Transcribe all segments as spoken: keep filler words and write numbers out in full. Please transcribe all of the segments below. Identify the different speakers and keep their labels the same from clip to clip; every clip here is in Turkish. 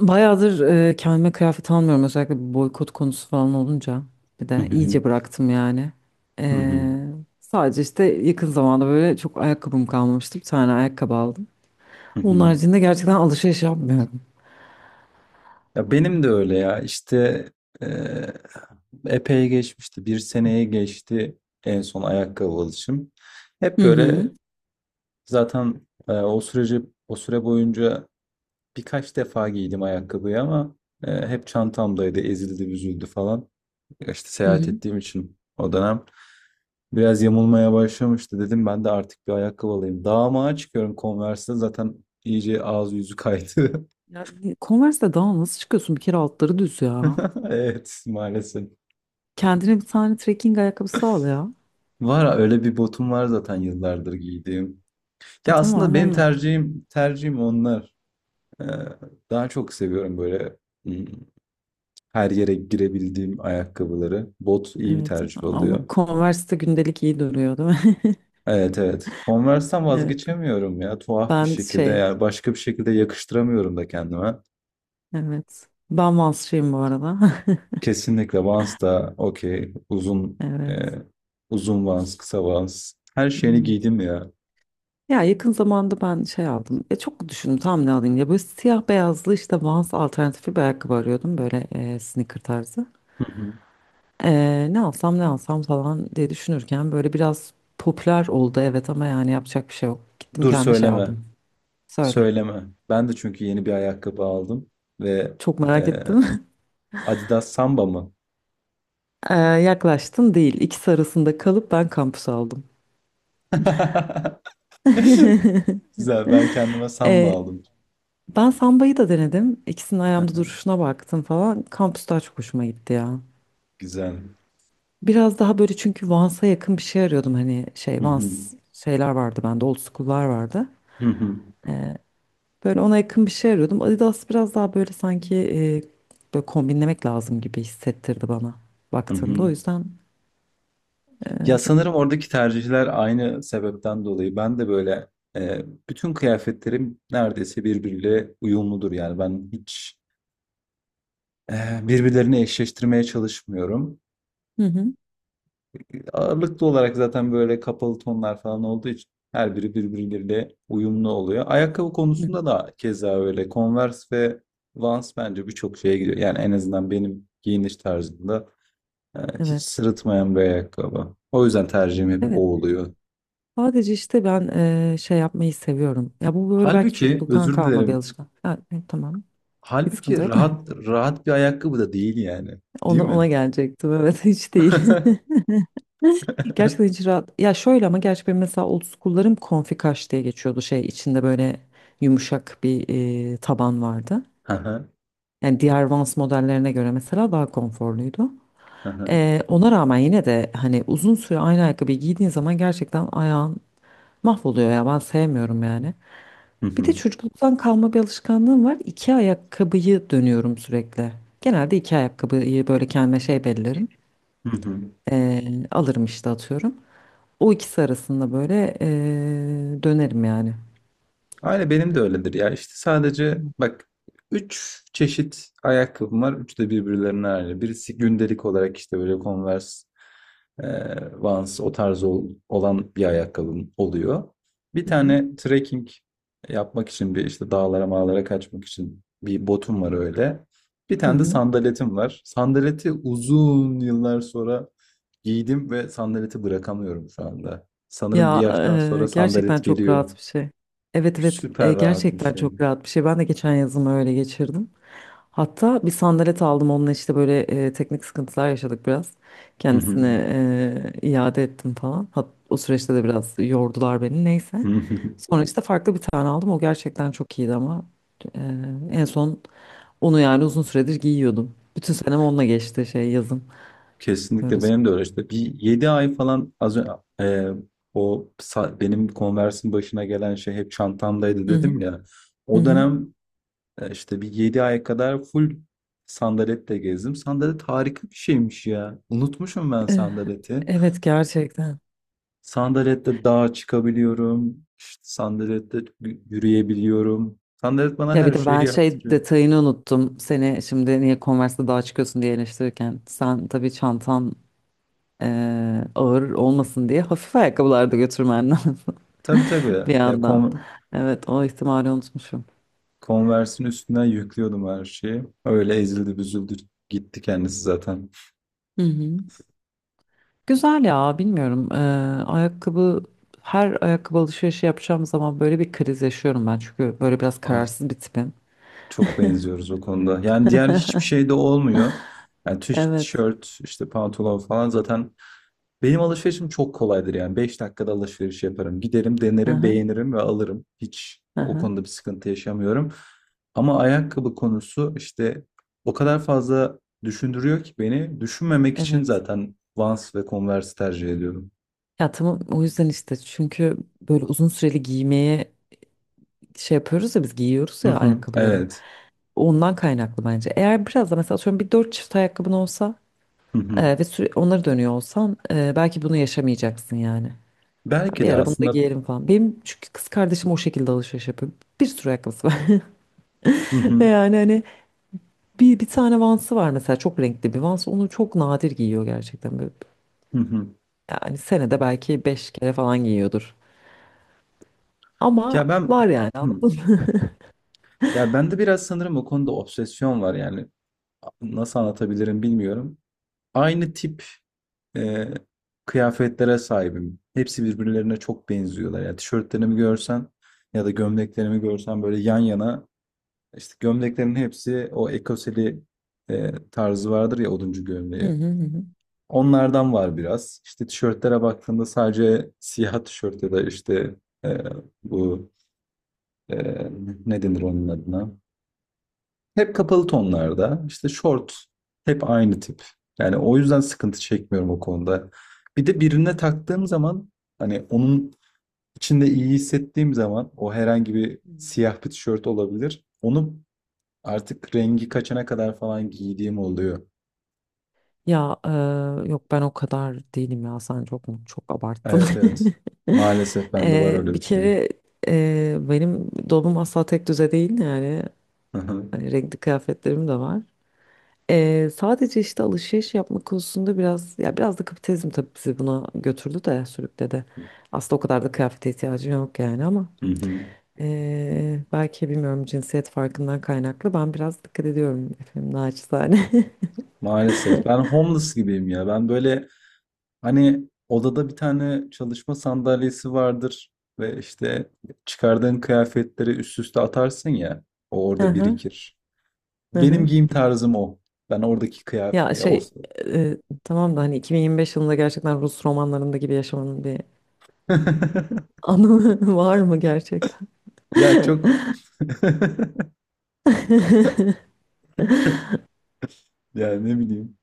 Speaker 1: Bayağıdır e, kendime kıyafet almıyorum. Özellikle bu boykot konusu falan olunca. Bir
Speaker 2: Hı
Speaker 1: de
Speaker 2: hı hı.
Speaker 1: iyice bıraktım yani.
Speaker 2: Hı hı.
Speaker 1: E, Sadece işte yakın zamanda böyle çok ayakkabım kalmamıştı. Bir tane ayakkabı aldım.
Speaker 2: Hı
Speaker 1: Onun
Speaker 2: hı.
Speaker 1: haricinde gerçekten alışveriş yapmıyorum.
Speaker 2: Ya benim de öyle ya işte eee, epey geçmişti. Bir seneye geçti en son ayakkabı alışım. Hep
Speaker 1: Hı hı.
Speaker 2: böyle zaten eee, o süreci o süre boyunca birkaç defa giydim ayakkabıyı ama eee, hep çantamdaydı, ezildi, büzüldü falan. Ya İşte
Speaker 1: Hı
Speaker 2: seyahat
Speaker 1: hı.
Speaker 2: ettiğim için o dönem biraz yamulmaya başlamıştı. Dedim ben de artık bir ayakkabı alayım. Dağ mağa çıkıyorum Converse'de zaten iyice ağzı yüzü kaydı.
Speaker 1: Yani Converse'de daha nasıl çıkıyorsun? Bir kere altları düz ya.
Speaker 2: Evet maalesef.
Speaker 1: Kendine bir tane trekking ayakkabısı al ya.
Speaker 2: Var öyle bir botum var zaten yıllardır giydiğim.
Speaker 1: E
Speaker 2: Ya aslında
Speaker 1: tamam
Speaker 2: benim
Speaker 1: onunla.
Speaker 2: tercihim tercihim onlar. Ee, Daha çok seviyorum böyle hmm, her yere girebildiğim ayakkabıları. Bot iyi bir
Speaker 1: Evet
Speaker 2: tercih
Speaker 1: ama
Speaker 2: oluyor.
Speaker 1: Converse'de gündelik iyi duruyor değil mi?
Speaker 2: Evet, evet. Converse'ten
Speaker 1: Evet.
Speaker 2: vazgeçemiyorum ya tuhaf bir
Speaker 1: Ben
Speaker 2: şekilde.
Speaker 1: şey
Speaker 2: Yani başka bir şekilde yakıştıramıyorum da kendime.
Speaker 1: evet. Ben Vansçıyım bu arada.
Speaker 2: Kesinlikle Vans da okey. Uzun e,
Speaker 1: Evet.
Speaker 2: uzun Vans, kısa Vans. Her şeyini
Speaker 1: evet.
Speaker 2: giydim ya.
Speaker 1: Ya yakın zamanda ben şey aldım. Ya çok düşündüm tam ne alayım ya. Böyle siyah beyazlı işte Vans alternatifi bir ayakkabı arıyordum. Böyle e, sneaker tarzı.
Speaker 2: Hı hı.
Speaker 1: E, ne alsam ne alsam falan diye düşünürken böyle biraz popüler oldu evet ama yani yapacak bir şey yok. Gittim
Speaker 2: Dur
Speaker 1: kendime şey
Speaker 2: söyleme.
Speaker 1: aldım. Söyle.
Speaker 2: Söyleme. Ben de çünkü yeni bir ayakkabı aldım ve
Speaker 1: Çok
Speaker 2: e,
Speaker 1: merak ettim.
Speaker 2: Adidas Samba mı?
Speaker 1: E, yaklaştın değil. İkisi arasında kalıp ben kampüs aldım.
Speaker 2: Güzel. Ben kendime Samba
Speaker 1: E,
Speaker 2: aldım.
Speaker 1: Ben Samba'yı da denedim. İkisinin ayağımda duruşuna baktım falan. Kampüs daha çok hoşuma gitti ya.
Speaker 2: Güzel.
Speaker 1: Biraz daha böyle çünkü Vans'a yakın bir şey arıyordum hani şey
Speaker 2: Hı hı.
Speaker 1: Vans şeyler vardı bende old school'lar vardı.
Speaker 2: Hı hı.
Speaker 1: Böyle ona yakın bir şey arıyordum. Adidas biraz daha böyle sanki e, böyle kombinlemek lazım gibi hissettirdi bana
Speaker 2: Hı
Speaker 1: baktığımda.
Speaker 2: hı.
Speaker 1: O yüzden e,
Speaker 2: Ya
Speaker 1: hı
Speaker 2: sanırım oradaki tercihler aynı sebepten dolayı. Ben de böyle e, bütün kıyafetlerim neredeyse birbiriyle uyumludur. Yani ben hiç e, birbirlerini eşleştirmeye çalışmıyorum.
Speaker 1: hı, hı
Speaker 2: Ağırlıklı olarak zaten böyle kapalı tonlar falan olduğu için her biri birbirleriyle uyumlu oluyor. Ayakkabı
Speaker 1: hı,
Speaker 2: konusunda da keza öyle. Converse ve Vans bence birçok şeye gidiyor. Yani en azından benim giyiniş tarzımda e, hiç
Speaker 1: evet.
Speaker 2: sırıtmayan bir ayakkabı. O yüzden tercihim hep
Speaker 1: Evet.
Speaker 2: o oluyor.
Speaker 1: Sadece işte ben e, şey yapmayı seviyorum. Ya bu böyle belki
Speaker 2: Halbuki
Speaker 1: çocukluktan
Speaker 2: özür
Speaker 1: kalma bir
Speaker 2: dilerim.
Speaker 1: alışkanlık. Ha, e, tamam. Hiç sıkıntı
Speaker 2: Halbuki
Speaker 1: yok.
Speaker 2: rahat rahat bir ayakkabı da değil yani. Değil
Speaker 1: Ona, ona
Speaker 2: mi?
Speaker 1: gelecektim. Evet hiç değil. Gerçekten hiç rahat. Ya şöyle ama gerçi benim mesela old school'larım konfikaş diye geçiyordu şey içinde böyle yumuşak bir e, taban vardı.
Speaker 2: Hı hı,
Speaker 1: Yani diğer Vans modellerine göre mesela daha konforluydu.
Speaker 2: hı hı.
Speaker 1: E, ona rağmen yine de hani uzun süre aynı ayakkabıyı giydiğin zaman gerçekten ayağın mahvoluyor ya ben sevmiyorum yani.
Speaker 2: Hı
Speaker 1: Bir de
Speaker 2: hı,
Speaker 1: çocukluktan kalma bir alışkanlığım var. İki ayakkabıyı dönüyorum sürekli. Genelde iki ayakkabıyı böyle kendime şey belirlerim.
Speaker 2: hı hı.
Speaker 1: E, Alırım işte atıyorum. O ikisi arasında böyle eee, dönerim yani.
Speaker 2: Aynı benim de öyledir ya. İşte sadece bak üç çeşit ayakkabım var. Üçü de birbirlerine aynı. Birisi gündelik olarak işte böyle Converse, e, Vans o tarz ol- olan bir ayakkabım oluyor. Bir
Speaker 1: Hı hı.
Speaker 2: tane trekking yapmak için bir işte dağlara mağlara kaçmak için bir botum var öyle. Bir
Speaker 1: Hı
Speaker 2: tane de
Speaker 1: hı.
Speaker 2: sandaletim var. Sandaleti uzun yıllar sonra giydim ve sandaleti bırakamıyorum şu anda. Sanırım bir
Speaker 1: Ya
Speaker 2: yaştan
Speaker 1: eee,
Speaker 2: sonra
Speaker 1: gerçekten
Speaker 2: sandalet
Speaker 1: çok
Speaker 2: geliyor.
Speaker 1: rahat bir şey. Evet evet e,
Speaker 2: Süper rahat bir
Speaker 1: gerçekten
Speaker 2: şey.
Speaker 1: çok rahat bir şey. Ben de geçen yazımı öyle geçirdim. Hatta bir sandalet aldım onunla işte böyle e, teknik sıkıntılar yaşadık biraz.
Speaker 2: Hı
Speaker 1: Kendisine
Speaker 2: hı.
Speaker 1: e, iade ettim falan. Hat o süreçte de biraz yordular beni
Speaker 2: Hı
Speaker 1: neyse.
Speaker 2: hı.
Speaker 1: Sonra işte farklı bir tane aldım. O gerçekten çok iyiydi ama e, en son onu yani uzun süredir giyiyordum. Bütün senem onunla geçti şey yazın. Öyle.
Speaker 2: Kesinlikle benim de öyle işte. Bir yedi ay falan az önce o sa- benim Converse'in başına gelen şey hep çantamdaydı
Speaker 1: Hı hı.
Speaker 2: dedim ya.
Speaker 1: Hı
Speaker 2: O
Speaker 1: hı.
Speaker 2: dönem e, işte bir yedi ay kadar full sandaletle gezdim. Sandalet harika bir şeymiş ya. Unutmuşum ben
Speaker 1: Eh,
Speaker 2: sandaleti.
Speaker 1: Evet gerçekten.
Speaker 2: Sandalette dağa çıkabiliyorum. İşte sandalette y- yürüyebiliyorum. Sandalet bana
Speaker 1: Ya bir
Speaker 2: her
Speaker 1: de
Speaker 2: şeyi
Speaker 1: ben şey
Speaker 2: yaptırıyor.
Speaker 1: detayını unuttum. Seni şimdi niye Converse'de daha çıkıyorsun diye eleştirirken. Sen tabii çantan eh, ağır olmasın diye hafif ayakkabılarda götürmen lazım
Speaker 2: Tabii, tabii.
Speaker 1: bir
Speaker 2: Ya
Speaker 1: yandan.
Speaker 2: kon-
Speaker 1: Evet o ihtimali unutmuşum.
Speaker 2: Converse'in üstünden yüklüyordum her şeyi. Öyle ezildi büzüldü gitti kendisi zaten.
Speaker 1: Hı hı. Güzel ya bilmiyorum. Eh, ayakkabı her ayakkabı alışverişi yapacağım zaman böyle bir kriz yaşıyorum ben. Çünkü böyle biraz
Speaker 2: Ah,
Speaker 1: kararsız bir tipim.
Speaker 2: çok benziyoruz o konuda. Yani diğer hiçbir şey de olmuyor. Yani tiş-
Speaker 1: Evet.
Speaker 2: tişört, işte pantolon falan zaten benim alışverişim çok kolaydır yani. Beş dakikada alışveriş yaparım. Giderim,
Speaker 1: Hı
Speaker 2: denerim,
Speaker 1: hı.
Speaker 2: beğenirim ve alırım. Hiç
Speaker 1: Hı
Speaker 2: o
Speaker 1: hı.
Speaker 2: konuda bir sıkıntı yaşamıyorum. Ama ayakkabı konusu işte o kadar fazla düşündürüyor ki beni. Düşünmemek için
Speaker 1: Evet.
Speaker 2: zaten Vans ve Converse tercih ediyorum.
Speaker 1: Ya tamam o yüzden işte çünkü böyle uzun süreli giymeye şey yapıyoruz ya biz giyiyoruz
Speaker 2: Hı
Speaker 1: ya
Speaker 2: hı,
Speaker 1: ayakkabıları.
Speaker 2: evet.
Speaker 1: Ondan kaynaklı bence. Eğer biraz da mesela atıyorum bir dört çift ayakkabın olsa
Speaker 2: Hı hı.
Speaker 1: e, ve süre, onları dönüyor olsan e, belki bunu yaşamayacaksın yani.
Speaker 2: Belki
Speaker 1: Bir
Speaker 2: de
Speaker 1: ara bunu da
Speaker 2: aslında.
Speaker 1: giyelim falan. Benim çünkü kız kardeşim o şekilde alışveriş yapıyor. Bir sürü ayakkabısı var.
Speaker 2: Hı
Speaker 1: Ve
Speaker 2: hı.
Speaker 1: yani hani bir, bir tane Vans'ı var mesela çok renkli bir Vans. Onu çok nadir giyiyor gerçekten. Böyle,
Speaker 2: Hı hı.
Speaker 1: yani senede belki beş kere falan giyiyordur. Ama
Speaker 2: Ya ben
Speaker 1: var yani
Speaker 2: hı.
Speaker 1: anladın mı?
Speaker 2: Ya bende biraz sanırım o konuda obsesyon var yani. Nasıl anlatabilirim bilmiyorum. Aynı tip e, kıyafetlere sahibim. Hepsi birbirlerine çok benziyorlar. Ya tişörtlerimi görsen ya da gömleklerimi görsen böyle yan yana işte gömleklerin hepsi o ekoseli e, tarzı vardır ya oduncu
Speaker 1: Hı
Speaker 2: gömleği.
Speaker 1: hı hı.
Speaker 2: Onlardan var biraz. İşte tişörtlere baktığımda sadece siyah tişört ya da işte e, bu e, ne denir onun adına? Hep kapalı tonlarda. İşte short hep aynı tip. Yani o yüzden sıkıntı çekmiyorum o konuda. Bir de birine taktığım zaman hani onun içinde iyi hissettiğim zaman o herhangi bir
Speaker 1: hı.
Speaker 2: siyah bir tişört olabilir. Onu artık rengi kaçana kadar falan giydiğim oluyor.
Speaker 1: Ya eee, yok ben o kadar değilim ya sen çok mu çok abarttın.
Speaker 2: Evet, evet. Maalesef bende var
Speaker 1: Eee,
Speaker 2: öyle
Speaker 1: bir
Speaker 2: bir şey.
Speaker 1: kere eee, benim dolabım asla tek düze değil yani hani renkli kıyafetlerim de var. Eee, sadece işte alışveriş yapma konusunda biraz ya biraz da kapitalizm tabii bizi buna götürdü de sürükledi. Aslında o kadar da kıyafete ihtiyacım yok yani ama
Speaker 2: Hı hı.
Speaker 1: eee, belki bilmiyorum cinsiyet farkından kaynaklı ben biraz dikkat ediyorum efendim naçizane.
Speaker 2: Maalesef. Ben homeless gibiyim ya. Ben böyle hani odada bir tane çalışma sandalyesi vardır ve işte çıkardığın kıyafetleri üst üste atarsın ya. O orada
Speaker 1: Aha,
Speaker 2: birikir. Benim
Speaker 1: aha.
Speaker 2: giyim tarzım o. Ben oradaki kıyafet
Speaker 1: Ya
Speaker 2: ya o.
Speaker 1: şey e, tamam da hani iki bin yirmi beş yılında gerçekten Rus romanlarında gibi yaşamanın bir anlamı var mı gerçekten?
Speaker 2: Ya çok ya ne bileyim.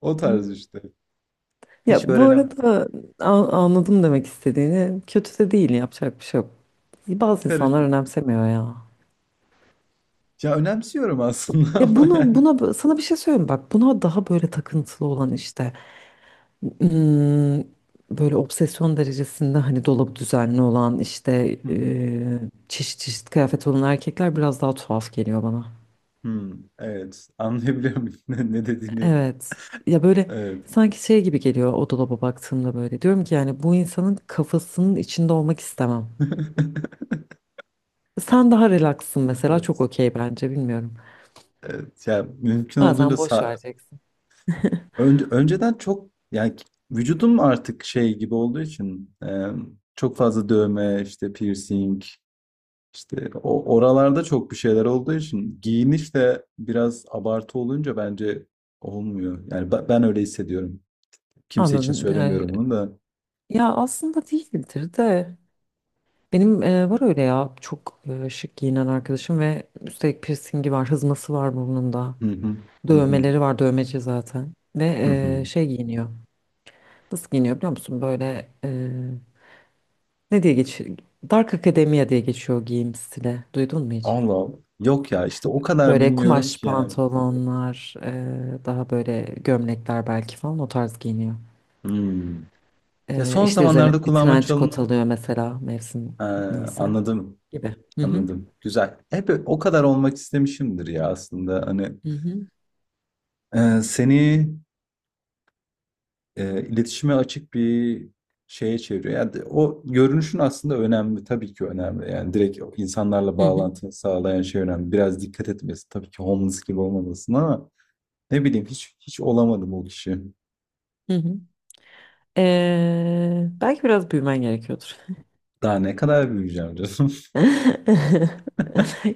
Speaker 2: O tarz işte. Hiç
Speaker 1: Ya bu
Speaker 2: öğrenemem.
Speaker 1: arada a- anladım demek istediğini. Kötü de değil yapacak bir şey yok. Bazı insanlar
Speaker 2: Karışık.
Speaker 1: önemsemiyor ya.
Speaker 2: Ya önemsiyorum aslında
Speaker 1: Ya
Speaker 2: ama
Speaker 1: buna
Speaker 2: yani.
Speaker 1: buna bö- sana bir şey söyleyeyim mi? Bak buna daha böyle takıntılı olan işte hmm, böyle obsesyon derecesinde hani dolabı düzenli olan işte
Speaker 2: Hı hı.
Speaker 1: e, çeşit çeşit kıyafet olan erkekler biraz daha tuhaf geliyor bana.
Speaker 2: Hı, evet. Anlayabiliyorum ne ne dediğini?
Speaker 1: Evet. Ya böyle
Speaker 2: Evet.
Speaker 1: sanki şey gibi geliyor o dolaba baktığımda böyle. Diyorum ki yani bu insanın kafasının içinde olmak istemem. Sen daha relaxsın mesela çok
Speaker 2: Evet.
Speaker 1: okey bence bilmiyorum.
Speaker 2: Evet. Yani mümkün olduğunca
Speaker 1: Bazen boş
Speaker 2: sa
Speaker 1: vereceksin.
Speaker 2: önce, önceden çok yani vücudum artık şey gibi olduğu için e, çok fazla dövme, işte piercing, işte o oralarda çok bir şeyler olduğu için giyiniş de biraz abartı olunca bence olmuyor. Yani ben, ben öyle hissediyorum. Kimse için
Speaker 1: Anladım. Yani,
Speaker 2: söylemiyorum bunu da.
Speaker 1: ya aslında değildir de. Benim e, var öyle ya çok e, şık giyinen arkadaşım ve üstelik piercingi var, hızması var burnunda.
Speaker 2: Hı hı. Hı hı.
Speaker 1: Dövmeleri var, dövmeci zaten. Ve
Speaker 2: Hı
Speaker 1: e,
Speaker 2: hı.
Speaker 1: şey giyiniyor. Nasıl giyiniyor biliyor musun? Böyle. Ne diye geçiyor? Dark Academia diye geçiyor giyim stili. Duydun mu hiç?
Speaker 2: Allah Allah. Yok ya işte o kadar
Speaker 1: Böyle
Speaker 2: bilmiyorum
Speaker 1: kumaş
Speaker 2: ki yani.
Speaker 1: pantolonlar, e, daha böyle gömlekler belki falan o tarz giyiniyor.
Speaker 2: Hmm. Ya
Speaker 1: E,
Speaker 2: son
Speaker 1: işte üzerine
Speaker 2: zamanlarda
Speaker 1: bir
Speaker 2: kulağıma
Speaker 1: trench coat
Speaker 2: çalınan.
Speaker 1: alıyor mesela mevsim
Speaker 2: He,
Speaker 1: neyse
Speaker 2: anladım,
Speaker 1: gibi. Hı hı.
Speaker 2: anladım. Güzel. Hep o kadar olmak istemişimdir ya aslında. Hani
Speaker 1: Hı hı.
Speaker 2: e, seni e, iletişime açık bir şeye çeviriyor. Yani de- o görünüşün aslında önemli, tabii ki önemli. Yani direkt o insanlarla
Speaker 1: Hı hı.
Speaker 2: bağlantını sağlayan şey önemli. Biraz dikkat etmesi, tabii ki homeless gibi olmamasın ama ne bileyim hiç hiç olamadım o kişi.
Speaker 1: Hı hı. E, belki biraz büyümen gerekiyordur.
Speaker 2: Daha ne kadar büyüyeceğim canım.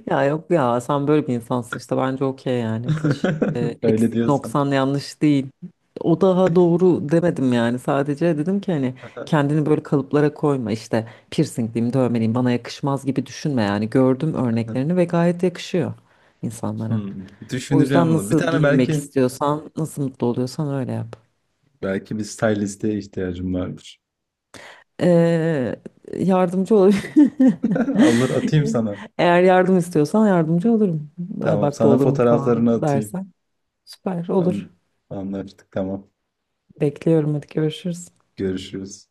Speaker 1: Ya yok ya sen böyle bir insansın işte bence okey yani hiç e,
Speaker 2: Öyle
Speaker 1: eksik
Speaker 2: diyorsan.
Speaker 1: noksan yanlış değil. O daha doğru demedim yani sadece dedim ki hani kendini böyle kalıplara koyma işte piercingliyim dövmeliyim bana yakışmaz gibi düşünme yani gördüm örneklerini ve gayet yakışıyor insanlara.
Speaker 2: Hmm,
Speaker 1: O
Speaker 2: düşüneceğim
Speaker 1: yüzden
Speaker 2: bunu. Bir
Speaker 1: nasıl
Speaker 2: tane
Speaker 1: giyinmek
Speaker 2: belki.
Speaker 1: istiyorsan nasıl mutlu oluyorsan öyle yap.
Speaker 2: Belki bir stylist'e ihtiyacım vardır.
Speaker 1: Eee, Yardımcı olabilir.
Speaker 2: Alır atayım sana.
Speaker 1: Eğer yardım istiyorsan yardımcı olurum.
Speaker 2: Tamam,
Speaker 1: Bak bu
Speaker 2: sana
Speaker 1: olurum falan
Speaker 2: fotoğraflarını atayım.
Speaker 1: dersen. Süper olur.
Speaker 2: An- Anlaştık, tamam.
Speaker 1: Bekliyorum hadi görüşürüz.
Speaker 2: Görüşürüz.